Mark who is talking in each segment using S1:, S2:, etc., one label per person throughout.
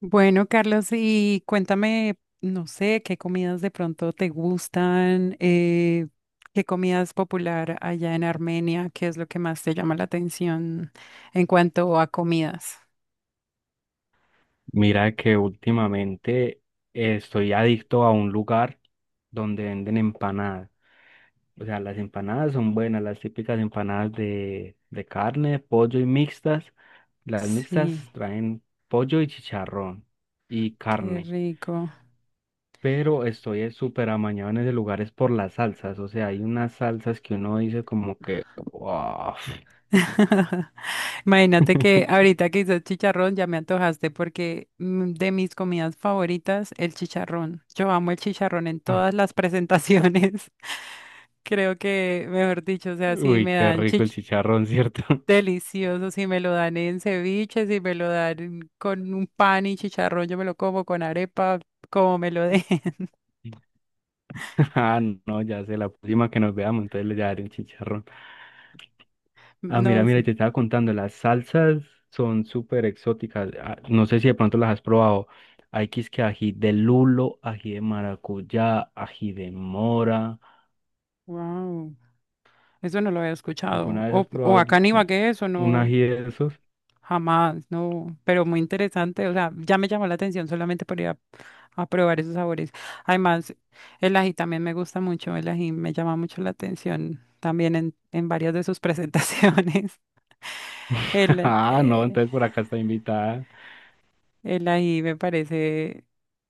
S1: Bueno, Carlos, y cuéntame, no sé, qué comidas de pronto te gustan, qué comida es popular allá en Armenia, qué es lo que más te llama la atención en cuanto a comidas.
S2: Mira que últimamente estoy adicto a un lugar donde venden empanadas. O sea, las empanadas son buenas, las típicas empanadas de carne, pollo y mixtas. Las
S1: Sí,
S2: mixtas traen pollo y chicharrón y
S1: qué
S2: carne.
S1: rico.
S2: Pero estoy súper amañado en ese lugar es por las salsas. O sea, hay unas salsas que uno dice como que, wow.
S1: Imagínate que ahorita que hice chicharrón ya me antojaste porque de mis comidas favoritas, el chicharrón. Yo amo el chicharrón en
S2: Ah,
S1: todas las presentaciones. Creo que, mejor dicho, o sea, si
S2: Uy,
S1: me
S2: qué
S1: dan
S2: rico el
S1: chicharrón.
S2: chicharrón, ¿cierto?
S1: Delicioso, si me lo dan en ceviche, si me lo dan con un pan y chicharrón, yo me lo como con arepa, como me lo den.
S2: Ah, no, ya sé, la próxima que nos veamos, entonces le daré un chicharrón. Ah, mira,
S1: No
S2: mira, y
S1: sé.
S2: te estaba contando, las salsas son súper exóticas. No sé si de pronto las has probado. Hay que es que ají de lulo, ají de maracuyá, ají de mora.
S1: Wow. Eso no lo había escuchado.
S2: ¿Alguna vez has
S1: O
S2: probado
S1: acá en
S2: un
S1: Ibagué, eso
S2: un
S1: no,
S2: ají de esos?
S1: jamás, no. Pero muy interesante. O sea, ya me llamó la atención solamente por ir a probar esos sabores. Además, el ají también me gusta mucho. El ají me llama mucho la atención también en varias de sus presentaciones. El,
S2: Ah, no,
S1: eh,
S2: entonces por acá está invitada.
S1: El ají me parece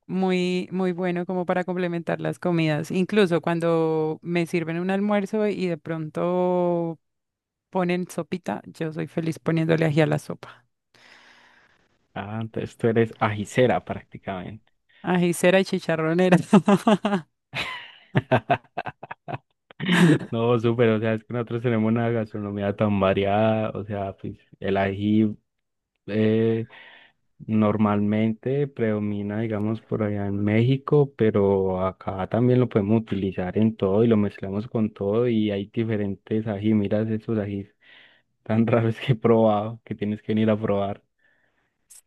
S1: muy, muy bueno como para complementar las comidas. Incluso cuando me sirven un almuerzo y de pronto ponen sopita, yo soy feliz poniéndole ají a la sopa.
S2: Ah, entonces tú eres ajicera prácticamente.
S1: Ajicera y chicharronera.
S2: No, súper, o sea, es que nosotros tenemos una gastronomía tan variada, o sea, pues el ají eh, normalmente predomina, digamos, por allá en México, pero acá también lo podemos utilizar en todo y lo mezclamos con todo y hay diferentes ají, miras esos ajís tan raros que he probado, que tienes que venir a probar.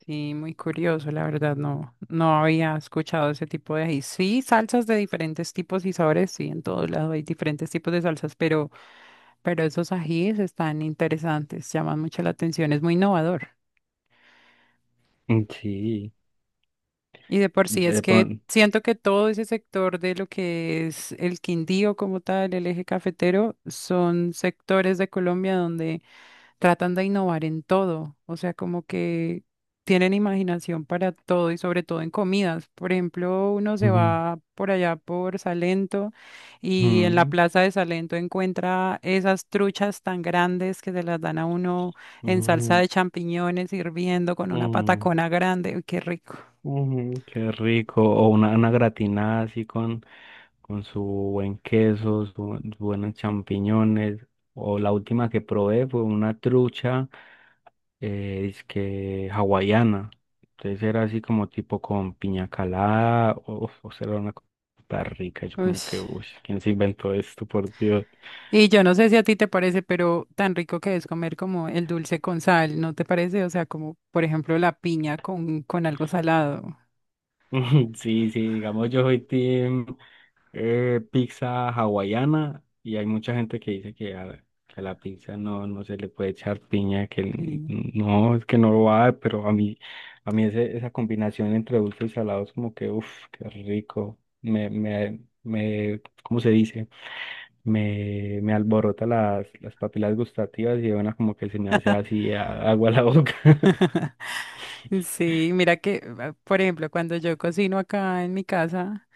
S1: Sí, muy curioso, la verdad, no, no había escuchado ese tipo de ají. Sí, salsas de diferentes tipos y sabores, sí, en todos lados hay diferentes tipos de salsas, pero esos ajíes están interesantes, llaman mucho la atención, es muy innovador.
S2: Mm, sí,
S1: Y de por sí es
S2: de
S1: que
S2: pronto.
S1: siento que todo ese sector de lo que es el Quindío como tal, el eje cafetero, son sectores de Colombia donde tratan de innovar en todo. O sea, como que tienen imaginación para todo y sobre todo en comidas. Por ejemplo, uno se
S2: Mm,
S1: va por allá por Salento y en la
S2: mm,
S1: plaza de Salento encuentra esas truchas tan grandes que se las dan a uno en salsa
S2: mm,
S1: de champiñones hirviendo con una
S2: mm.
S1: patacona grande. Uy, qué rico.
S2: Mm, qué rico. O una gratinada así con su buen queso, sus buenos champiñones. O la última que probé fue una trucha que hawaiana. Entonces era así como tipo con piña calada. O sea, era una cosa súper rica. Yo
S1: Uy.
S2: como que, uy, ¿quién se inventó esto, por Dios?
S1: Y yo no sé si a ti te parece, pero tan rico que es comer como el dulce con sal, ¿no te parece? O sea, como por ejemplo la piña con algo salado.
S2: Sí, sí, digamos, yo soy team. Pizza hawaiana y hay mucha gente que dice que a la pizza no, no se le puede echar piña, que
S1: Sí.
S2: no, es que no lo va, pero a mí esa combinación entre dulce y salado es como que, uff, qué rico, me, ¿cómo se dice? Me alborota las papilas gustativas y bueno, como que se me hace así agua a la boca,
S1: Sí, mira que, ah, por ejemplo, cuando yo cocino acá en mi casa,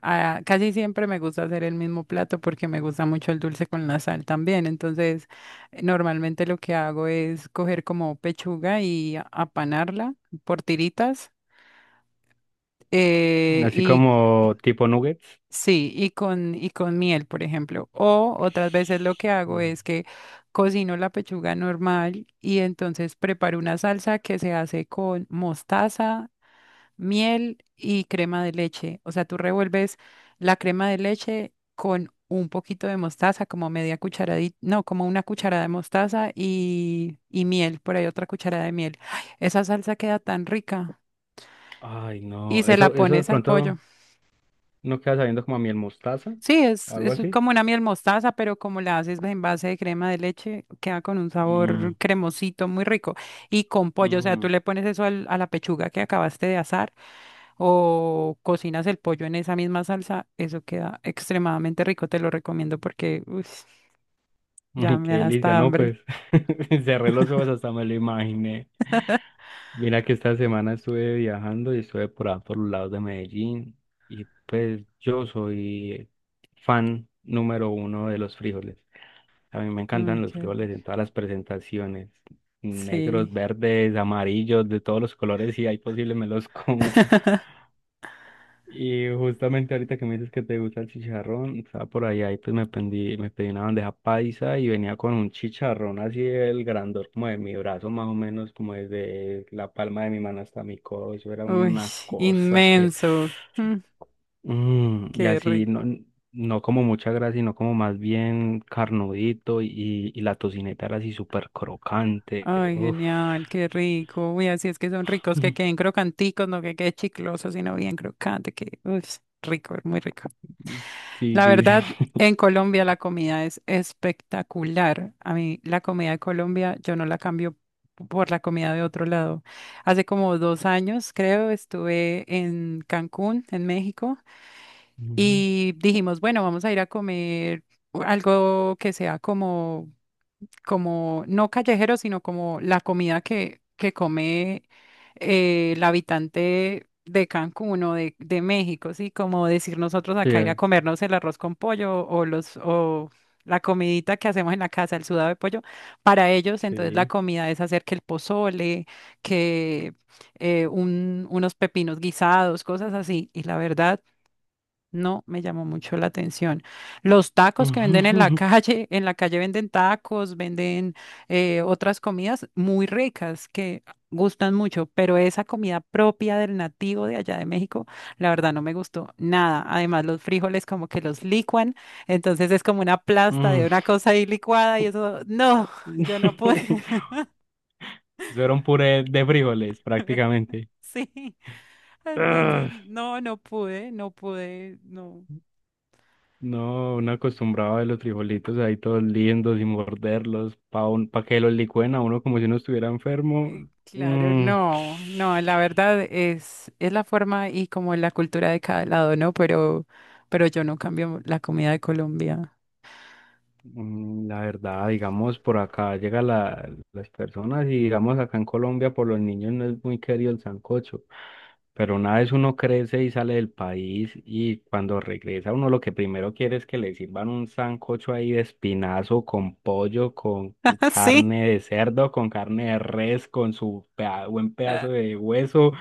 S1: ah, casi siempre me gusta hacer el mismo plato porque me gusta mucho el dulce con la sal también. Entonces, normalmente lo que hago es coger como pechuga y apanarla por tiritas.
S2: así
S1: eh,
S2: como tipo nuggets.
S1: Sí, y con, miel, por ejemplo. O otras veces lo que hago
S2: Mm.
S1: es que cocino la pechuga normal y entonces preparo una salsa que se hace con mostaza, miel y crema de leche. O sea, tú revuelves la crema de leche con un poquito de mostaza, como media cucharadita, no, como una cucharada de mostaza y miel, por ahí otra cucharada de miel. ¡Ay! Esa salsa queda tan rica.
S2: Ay,
S1: Y
S2: no,
S1: se la
S2: eso de
S1: pones al pollo.
S2: pronto... No queda sabiendo como a miel mostaza
S1: Sí, es,
S2: o algo
S1: es
S2: así.
S1: como una miel mostaza, pero como la haces en base de crema de leche, queda con un
S2: Mm,
S1: sabor cremosito muy rico. Y con pollo, o sea, tú
S2: mm,
S1: le pones eso a la pechuga que acabaste de asar o cocinas el pollo en esa misma salsa, eso queda extremadamente rico, te lo recomiendo porque uy, ya
S2: qué
S1: me da
S2: delicia,
S1: hasta
S2: ¿no?
S1: hambre.
S2: Pues cerré los ojos hasta me lo imaginé. Mira que esta semana estuve viajando y estuve por ahí por los lados de Medellín y pues yo soy fan número uno de los frijoles. A mí me encantan
S1: Uy,
S2: los
S1: qué
S2: frijoles en
S1: rico.
S2: todas las presentaciones,
S1: Sí,
S2: negros, verdes, amarillos, de todos los colores, si hay posible me los como. Y justamente ahorita que me dices que te gusta el chicharrón, estaba por allá y pues me pedí una bandeja paisa y venía con un chicharrón así el grandor como de mi brazo más o menos, como desde la palma de mi mano hasta mi codo, eso era
S1: uy,
S2: una cosa que...
S1: inmenso. Mm,
S2: Mm, y
S1: qué
S2: así,
S1: rico.
S2: no, no como mucha grasa, sino como más bien carnudito y la tocineta era así súper crocante.
S1: Ay,
S2: Uf.
S1: genial, qué rico. Uy, así es que son ricos, que queden crocanticos, no que quede chicloso, sino bien crocante, que uy, rico, muy rico.
S2: Sí,
S1: La
S2: sí,
S1: verdad,
S2: sí.
S1: en Colombia la comida es espectacular. A mí la comida de Colombia, yo no la cambio por la comida de otro lado. Hace como 2 años, creo, estuve en Cancún, en México,
S2: Ujú.
S1: y dijimos, bueno, vamos a ir a comer algo que sea como, no callejero, sino como la comida que come el habitante de Cancún o de México, ¿sí? Como decir nosotros acá ir a
S2: Sí,
S1: comernos el arroz con pollo o la comidita que hacemos en la casa, el sudado de pollo, para ellos entonces la
S2: sí.
S1: comida es hacer que el pozole, que unos pepinos guisados, cosas así, y la verdad no me llamó mucho la atención. Los tacos que venden en la calle, en la calle venden tacos, venden otras comidas muy ricas que gustan mucho, pero esa comida propia del nativo de allá de México, la verdad no me gustó nada. Además, los frijoles como que los licuan, entonces es como una plasta de
S2: Mm.
S1: una cosa ahí licuada y eso, no, yo no pude.
S2: Eso era un puré de frijoles, prácticamente.
S1: Sí, entonces
S2: Ugh.
S1: no, no pude, no pude, no.
S2: No, uno acostumbraba a los frijolitos ahí todos lindos y morderlos para que los licuen a uno como si uno estuviera enfermo.
S1: Claro,
S2: Mm.
S1: no, no, la verdad es la forma y como la cultura de cada lado, ¿no? Pero yo no cambio la comida de Colombia.
S2: Mm, la verdad, digamos, por acá llegan las personas y digamos acá en Colombia por los niños no es muy querido el sancocho, pero una vez uno crece y sale del país y cuando regresa uno lo que primero quiere es que le sirvan un sancocho ahí de espinazo con pollo, con
S1: Sí,
S2: carne de cerdo, con carne de res, con su buen pedazo
S1: ah,
S2: de hueso,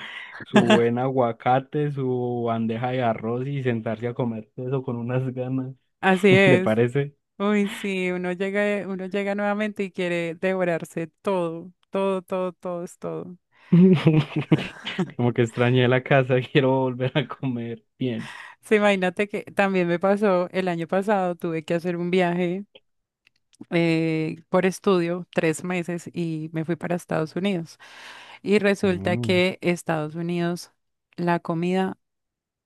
S2: su buen aguacate, su bandeja de arroz y sentarse a comer eso con unas ganas,
S1: así
S2: ¿te
S1: es.
S2: parece?
S1: Uy, sí, uno llega nuevamente y quiere devorarse todo, todo, todo, todo, es todo.
S2: Como que extrañé la casa, quiero volver a comer bien.
S1: Sí, imagínate que también me pasó el año pasado, tuve que hacer un viaje. Por estudio 3 meses y me fui para Estados Unidos. Y resulta
S2: Mm,
S1: que Estados Unidos, la comida,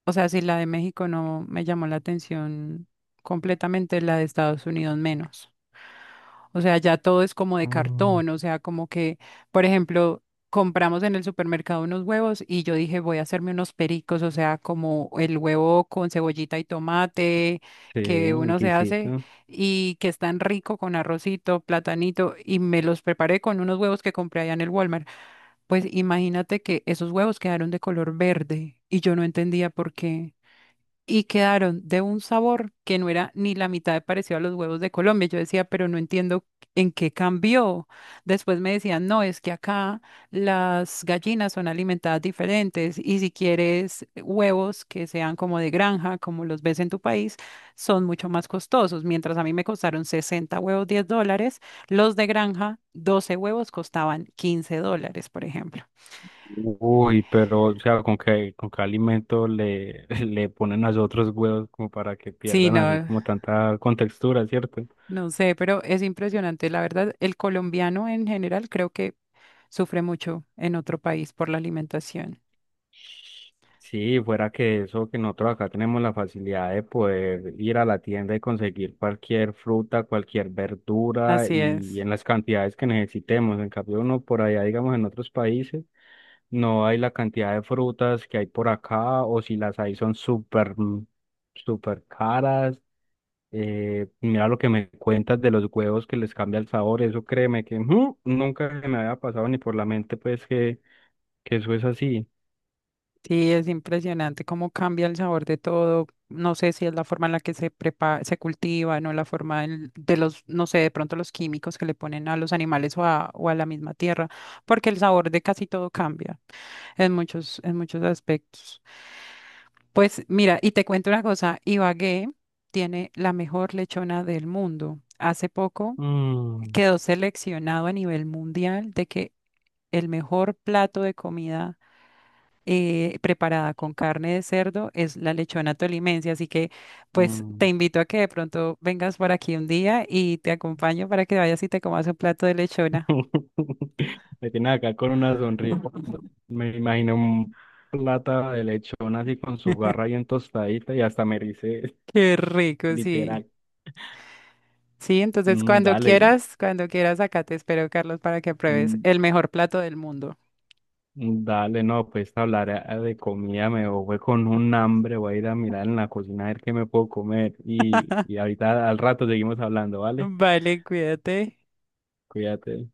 S1: o sea, si la de México no me llamó la atención completamente, la de Estados Unidos menos. O sea, ya todo es como de
S2: mm.
S1: cartón, o sea, como que, por ejemplo, compramos en el supermercado unos huevos y yo dije, voy a hacerme unos pericos, o sea, como el huevo con cebollita y tomate
S2: Sí,
S1: que
S2: un
S1: uno se hace
S2: exquisito.
S1: y que es tan rico con arrocito, platanito y me los preparé con unos huevos que compré allá en el Walmart. Pues imagínate que esos huevos quedaron de color verde y yo no entendía por qué y quedaron de un sabor que no era ni la mitad de parecido a los huevos de Colombia. Yo decía, pero no entiendo en qué cambió. Después me decían, no, es que acá las gallinas son alimentadas diferentes y si quieres huevos que sean como de granja, como los ves en tu país, son mucho más costosos. Mientras a mí me costaron 60 huevos $10, los de granja, 12 huevos costaban $15, por ejemplo.
S2: Uy, pero, o sea, con qué alimento le, le ponen a los otros huevos como para que
S1: Sí,
S2: pierdan así
S1: no.
S2: como tanta contextura, ¿cierto?
S1: No sé, pero es impresionante. La verdad, el colombiano en general creo que sufre mucho en otro país por la alimentación.
S2: Sí, fuera que eso, que nosotros acá tenemos la facilidad de poder ir a la tienda y conseguir cualquier fruta, cualquier verdura
S1: Así es.
S2: y en las cantidades que necesitemos. En cambio, uno por allá, digamos, en otros países, no hay la cantidad de frutas que hay por acá o si las hay son súper, mm, súper caras. Mira lo que me cuentas de los huevos que les cambia el sabor, eso créeme que mm, nunca se me había pasado ni por la mente, pues que eso es así.
S1: Sí, es impresionante cómo cambia el sabor de todo. No sé si es la forma en la que se prepara, se cultiva, no la forma de los, no sé, de pronto los químicos que le ponen a los animales o a, la misma tierra, porque el sabor de casi todo cambia en muchos aspectos. Pues mira, y te cuento una cosa, Ibagué tiene la mejor lechona del mundo. Hace poco
S2: Mm.
S1: quedó seleccionado a nivel mundial de que el mejor plato de comida preparada con carne de cerdo es la lechona tolimense. Así que pues te
S2: Mm.
S1: invito a que de pronto vengas por aquí un día y te acompaño para que vayas y te comas un plato de lechona.
S2: Me tiene acá con una sonrisa. Me imagino un plata de lechón así con su garra bien tostadita y hasta me dice
S1: Qué rico, sí.
S2: literal.
S1: Sí, entonces
S2: Mm, dale,
S1: cuando quieras, acá te espero, Carlos, para que pruebes
S2: mm,
S1: el mejor plato del mundo.
S2: mm, dale, no, pues hablar de comida, me voy con un hambre, voy a ir a mirar en la cocina a ver qué me puedo comer. Y ahorita al rato seguimos hablando, ¿vale?
S1: Vale, cuídate.
S2: Cuídate.